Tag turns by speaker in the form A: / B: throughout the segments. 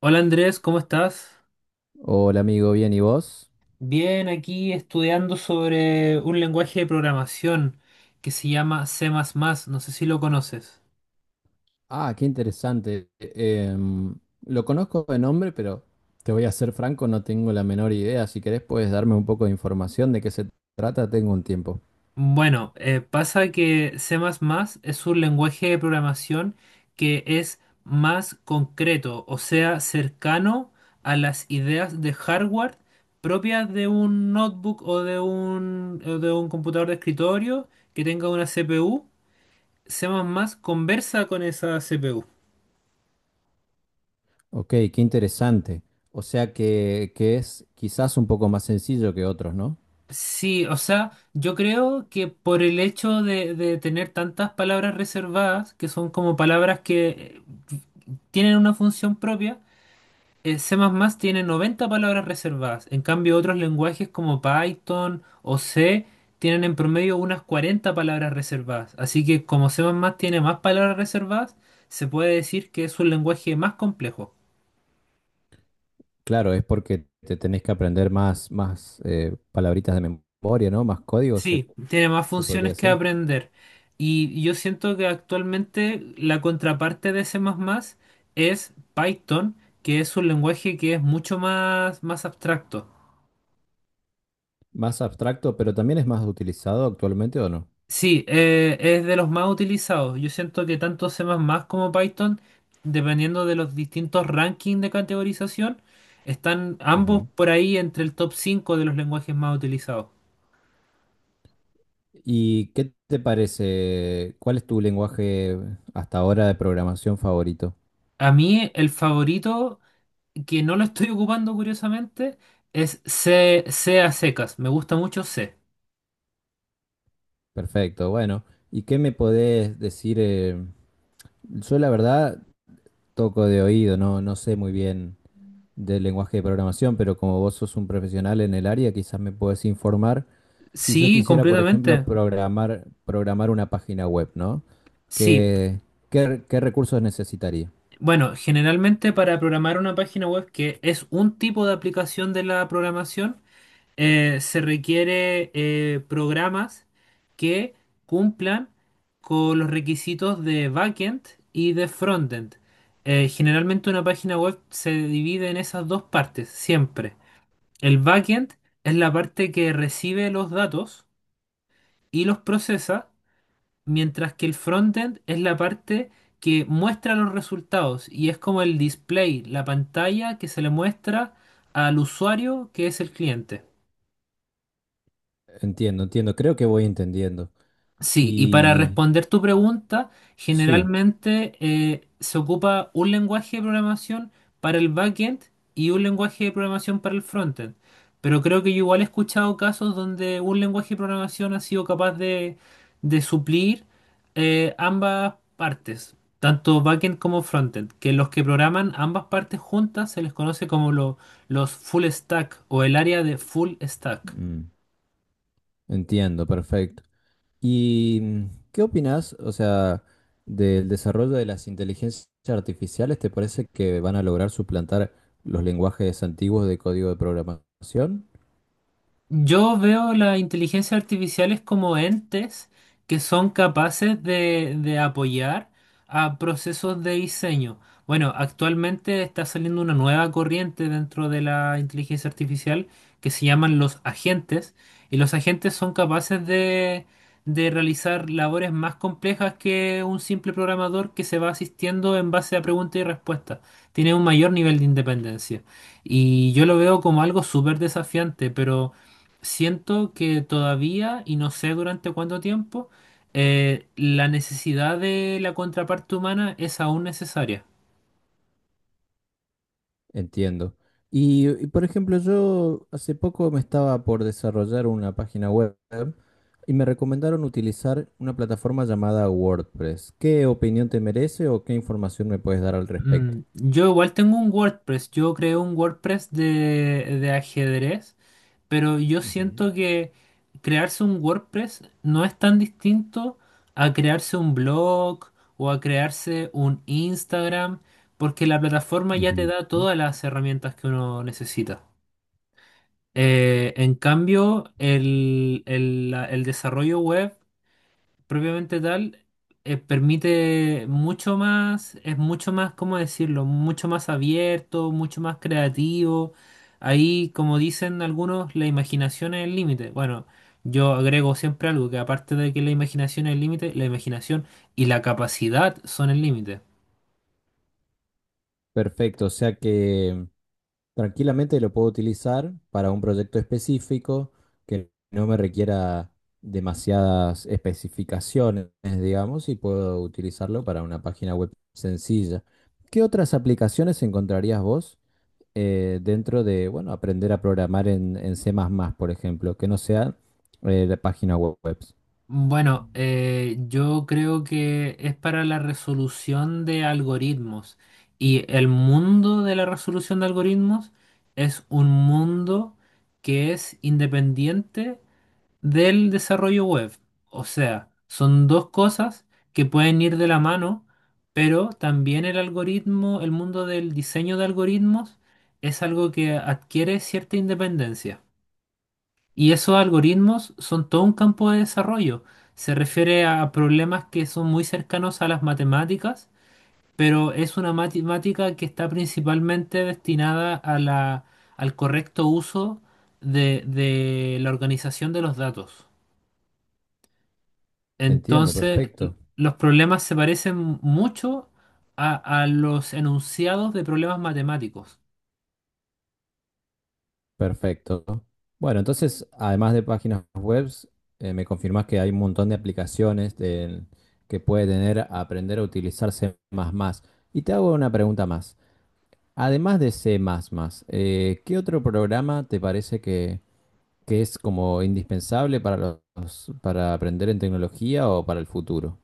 A: Hola Andrés, ¿cómo estás?
B: Hola amigo, bien, ¿y vos?
A: Bien, aquí estudiando sobre un lenguaje de programación que se llama C++, no sé si lo conoces.
B: Ah, qué interesante. Lo conozco de nombre, pero te voy a ser franco, no tengo la menor idea. Si querés, puedes darme un poco de información de qué se trata, tengo un tiempo.
A: Bueno, pasa que C++ es un lenguaje de programación que es más concreto, o sea, cercano a las ideas de hardware propias de un notebook o o de un computador de escritorio que tenga una CPU. C++ conversa con esa CPU.
B: Ok, qué interesante. O sea que es quizás un poco más sencillo que otros, ¿no?
A: Sí, o sea, yo creo que por el hecho de tener tantas palabras reservadas, que son como palabras que tienen una función propia, C++ tiene 90 palabras reservadas. En cambio, otros lenguajes como Python o C tienen en promedio unas 40 palabras reservadas. Así que como C++ tiene más palabras reservadas, se puede decir que es un lenguaje más complejo.
B: Claro, es porque te tenés que aprender más palabritas de memoria, ¿no? Más códigos,
A: Sí, tiene más
B: se podría
A: funciones que
B: decir.
A: aprender. Y yo siento que actualmente la contraparte de C++ es Python, que es un lenguaje que es mucho más, más abstracto.
B: Más abstracto, pero también es más utilizado actualmente, ¿o no?
A: Sí, es de los más utilizados. Yo siento que tanto C++ como Python, dependiendo de los distintos rankings de categorización, están ambos
B: Ujú.
A: por ahí entre el top 5 de los lenguajes más utilizados.
B: ¿Y qué te parece? ¿Cuál es tu lenguaje hasta ahora de programación favorito?
A: A mí el favorito que no lo estoy ocupando curiosamente es C, C a secas. Me gusta mucho C.
B: Perfecto, bueno. ¿Y qué me podés decir? Yo la verdad toco de oído, no sé muy bien del lenguaje de programación, pero como vos sos un profesional en el área, quizás me podés informar. Si yo
A: Sí,
B: quisiera, por ejemplo,
A: completamente.
B: programar una página web, ¿no?
A: Sí.
B: ¿Qué, qué qué recursos necesitaría?
A: Bueno, generalmente para programar una página web que es un tipo de aplicación de la programación, se requiere programas que cumplan con los requisitos de backend y de frontend. Generalmente una página web se divide en esas dos partes, siempre. El backend es la parte que recibe los datos y los procesa, mientras que el frontend es la parte que muestra los resultados y es como el display, la pantalla que se le muestra al usuario que es el cliente.
B: Entiendo, entiendo. Creo que voy entendiendo.
A: Sí, y para
B: Y
A: responder tu pregunta,
B: sí.
A: generalmente se ocupa un lenguaje de programación para el backend y un lenguaje de programación para el frontend. Pero creo que yo igual he escuchado casos donde un lenguaje de programación ha sido capaz de suplir ambas partes, tanto backend como frontend, que los que programan ambas partes juntas se les conoce como los full stack o el área de full stack.
B: mm. Entiendo, perfecto. ¿Y qué opinas, o sea, del desarrollo de las inteligencias artificiales? ¿Te parece que van a lograr suplantar los lenguajes antiguos de código de programación?
A: Yo veo las inteligencias artificiales como entes que son capaces de apoyar a procesos de diseño. Bueno, actualmente está saliendo una nueva corriente dentro de la inteligencia artificial que se llaman los agentes, y los agentes son capaces de realizar labores más complejas que un simple programador que se va asistiendo en base a preguntas y respuestas. Tiene un mayor nivel de independencia. Y yo lo veo como algo súper desafiante, pero siento que todavía, y no sé durante cuánto tiempo, la necesidad de la contraparte humana es aún necesaria.
B: Entiendo. Por ejemplo, yo hace poco me estaba por desarrollar una página web y me recomendaron utilizar una plataforma llamada WordPress. ¿Qué opinión te merece o qué información me puedes dar al respecto?
A: Mm, yo igual tengo un WordPress, yo creo un WordPress de ajedrez, pero yo
B: Ujú.
A: siento que crearse un WordPress no es tan distinto a crearse un blog o a crearse un Instagram, porque la plataforma ya te
B: Ujú.
A: da todas las herramientas que uno necesita. En cambio, el desarrollo web propiamente tal permite mucho más, es mucho más, ¿cómo decirlo? Mucho más abierto, mucho más creativo. Ahí, como dicen algunos, la imaginación es el límite. Bueno, yo agrego siempre algo, que aparte de que la imaginación es el límite, la imaginación y la capacidad son el límite.
B: Perfecto, o sea que tranquilamente lo puedo utilizar para un proyecto específico que no me requiera demasiadas especificaciones, digamos, y puedo utilizarlo para una página web sencilla. ¿Qué otras aplicaciones encontrarías vos dentro de, bueno, aprender a programar en C++, por ejemplo, que no sea de página web?
A: Bueno, yo creo que es para la resolución de algoritmos y el mundo de la resolución de algoritmos es un mundo que es independiente del desarrollo web. O sea, son dos cosas que pueden ir de la mano, pero también el algoritmo, el mundo del diseño de algoritmos es algo que adquiere cierta independencia. Y esos algoritmos son todo un campo de desarrollo. Se refiere a problemas que son muy cercanos a las matemáticas, pero es una matemática que está principalmente destinada a al correcto uso de la organización de los datos.
B: Entiendo,
A: Entonces,
B: perfecto.
A: los problemas se parecen mucho a, a los enunciados de problemas matemáticos.
B: Perfecto. Bueno, entonces, además de páginas web, me confirmás que hay un montón de aplicaciones que puede tener a aprender a utilizar C++. Y te hago una pregunta más. Además de C++, ¿qué otro programa te parece que es como indispensable para para aprender en tecnología o para el futuro?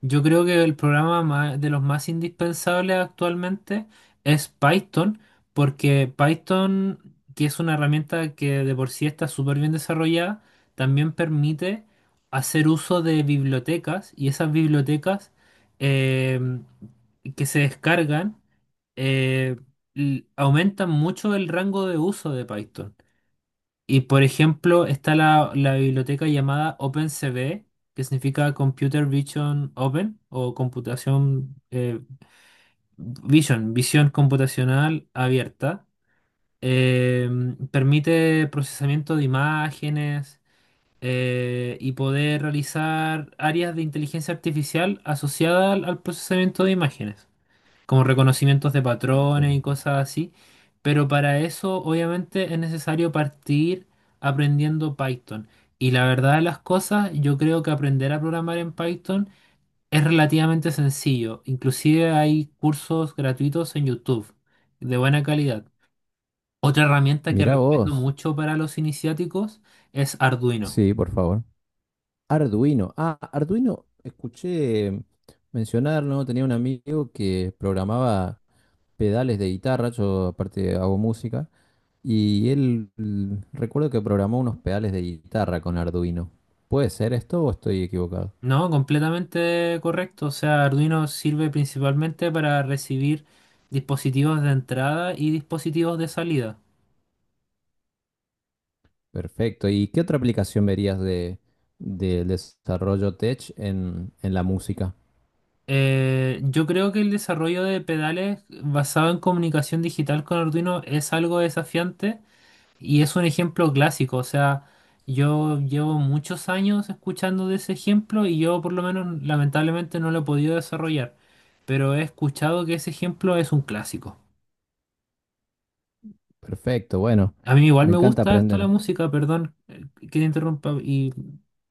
A: Yo creo que el programa de los más indispensables actualmente es Python, porque Python, que es una herramienta que de por sí está súper bien desarrollada, también permite hacer uso de bibliotecas y esas bibliotecas em, que se descargan eh, aumentan mucho el rango de uso de Python. Y por ejemplo, está la biblioteca llamada OpenCV, que significa Computer Vision Open o computación Vision, visión computacional abierta. Eh, Permite procesamiento de imágenes y poder realizar áreas de inteligencia artificial asociadas al procesamiento de imágenes como reconocimientos de
B: Ok.
A: patrones y cosas así. Pero para eso, obviamente, es necesario partir aprendiendo Python. Y la verdad de las cosas, yo creo que aprender a programar en Python es relativamente sencillo. Inclusive hay cursos gratuitos en YouTube de buena calidad. Otra herramienta que
B: Mirá
A: recomiendo
B: vos.
A: mucho para los iniciáticos es Arduino.
B: Sí, por favor. Arduino. Ah, Arduino, escuché mencionar, ¿no? Tenía un amigo que programaba pedales de guitarra, yo aparte hago música, y él recuerdo que programó unos pedales de guitarra con Arduino. ¿Puede ser esto o estoy equivocado?
A: No, completamente correcto. O sea, Arduino sirve principalmente para recibir dispositivos de entrada y dispositivos de salida.
B: Perfecto. ¿Y qué otra aplicación verías de, del desarrollo tech en la música?
A: Yo creo que el desarrollo de pedales basado en comunicación digital con Arduino es algo desafiante y es un ejemplo clásico. O sea, yo llevo muchos años escuchando de ese ejemplo y yo por lo menos lamentablemente no lo he podido desarrollar, pero he escuchado que ese ejemplo es un clásico.
B: Perfecto, bueno,
A: A mí igual
B: me
A: me
B: encanta
A: gusta harto la
B: aprender.
A: música, perdón que te interrumpa, y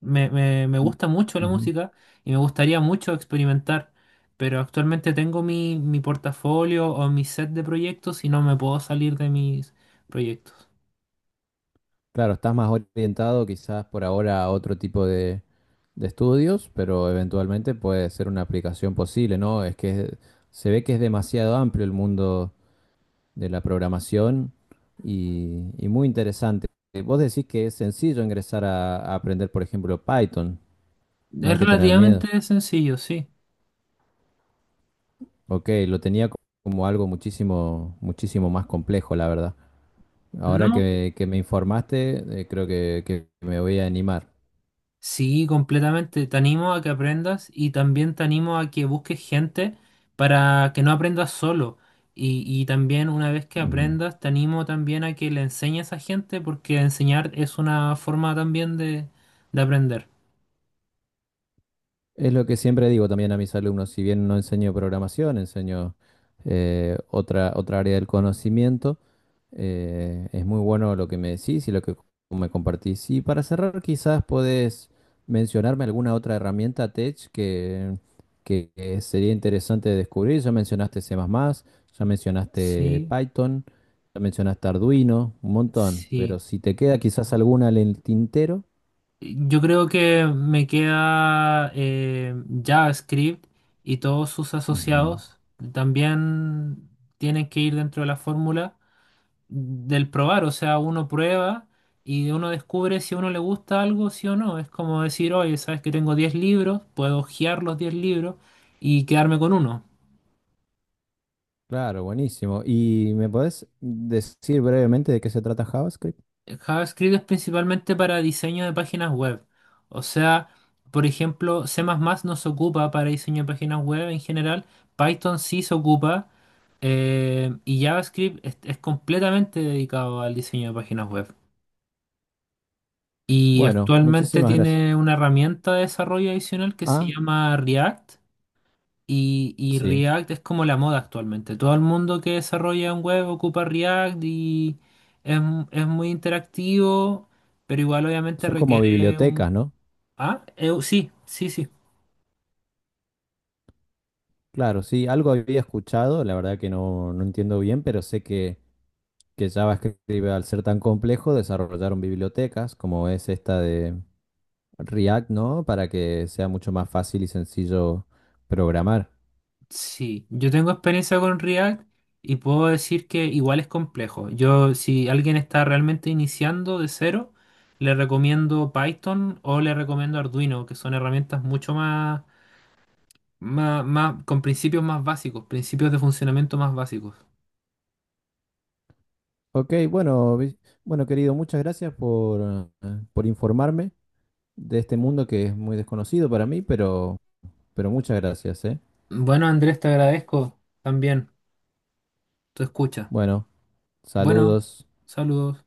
A: me
B: N-
A: gusta mucho la
B: Ujú.
A: música y me gustaría mucho experimentar, pero actualmente tengo mi portafolio o mi set de proyectos y no me puedo salir de mis proyectos.
B: Claro, estás más orientado quizás por ahora a otro tipo de estudios, pero eventualmente puede ser una aplicación posible, ¿no? Es que se ve que es demasiado amplio el mundo de la programación y, y muy interesante. Vos decís que es sencillo ingresar a aprender, por ejemplo, Python, no hay
A: Es
B: que tener miedo.
A: relativamente sencillo, sí.
B: Ok, lo tenía como algo muchísimo más complejo, la verdad. Ahora
A: No,
B: que me informaste, creo que me voy a animar.
A: sí, completamente. Te animo a que aprendas y también te animo a que busques gente para que no aprendas solo. Y también una vez que
B: Ujú.
A: aprendas, te animo también a que le enseñes a gente porque enseñar es una forma también de aprender.
B: Es lo que siempre digo también a mis alumnos, si bien no enseño programación, enseño otra área del conocimiento, es muy bueno lo que me decís y lo que me compartís. Y para cerrar, quizás podés mencionarme alguna otra herramienta tech que sería interesante descubrir. Ya mencionaste C++, ya mencionaste
A: Sí,
B: Python, ya mencionaste Arduino, un montón, pero
A: sí.
B: si te queda quizás alguna en el tintero.
A: Yo creo que me queda JavaScript y todos sus
B: Ujú.
A: asociados también tienen que ir dentro de la fórmula del probar, o sea, uno prueba y uno descubre si a uno le gusta algo, sí o no. Es como decir, oye, sabes que tengo 10 libros, puedo hojear los 10 libros y quedarme con uno.
B: Claro, buenísimo. ¿Y me podés decir brevemente de qué se trata JavaScript?
A: JavaScript es principalmente para diseño de páginas web. O sea, por ejemplo, C++ no se ocupa para diseño de páginas web en general, Python sí se ocupa, y JavaScript es completamente dedicado al diseño de páginas web. Y
B: Bueno,
A: actualmente
B: muchísimas gracias.
A: tiene una herramienta de desarrollo adicional que se
B: Ah,
A: llama React. Y
B: sí.
A: React es como la moda actualmente. Todo el mundo que desarrolla un web ocupa React y es, es muy interactivo, pero igual obviamente
B: Son como
A: requiere un...
B: bibliotecas, ¿no?
A: Ah, sí, sí, sí.
B: Claro, sí, algo había escuchado, la verdad que no entiendo bien, pero sé que JavaScript, al ser tan complejo, desarrollaron bibliotecas como es esta de React, ¿no? Para que sea mucho más fácil y sencillo programar.
A: Sí, yo tengo experiencia con React y puedo decir que igual es complejo. Yo, si alguien está realmente iniciando de cero, le recomiendo Python o le recomiendo Arduino, que son herramientas mucho más, con principios más básicos, principios de funcionamiento más básicos.
B: Ok, bueno, bueno, querido, muchas gracias por informarme de este mundo que es muy desconocido para mí, pero muchas gracias, ¿eh?
A: Bueno, Andrés, te agradezco también tu escucha.
B: Bueno,
A: Bueno,
B: saludos.
A: saludos.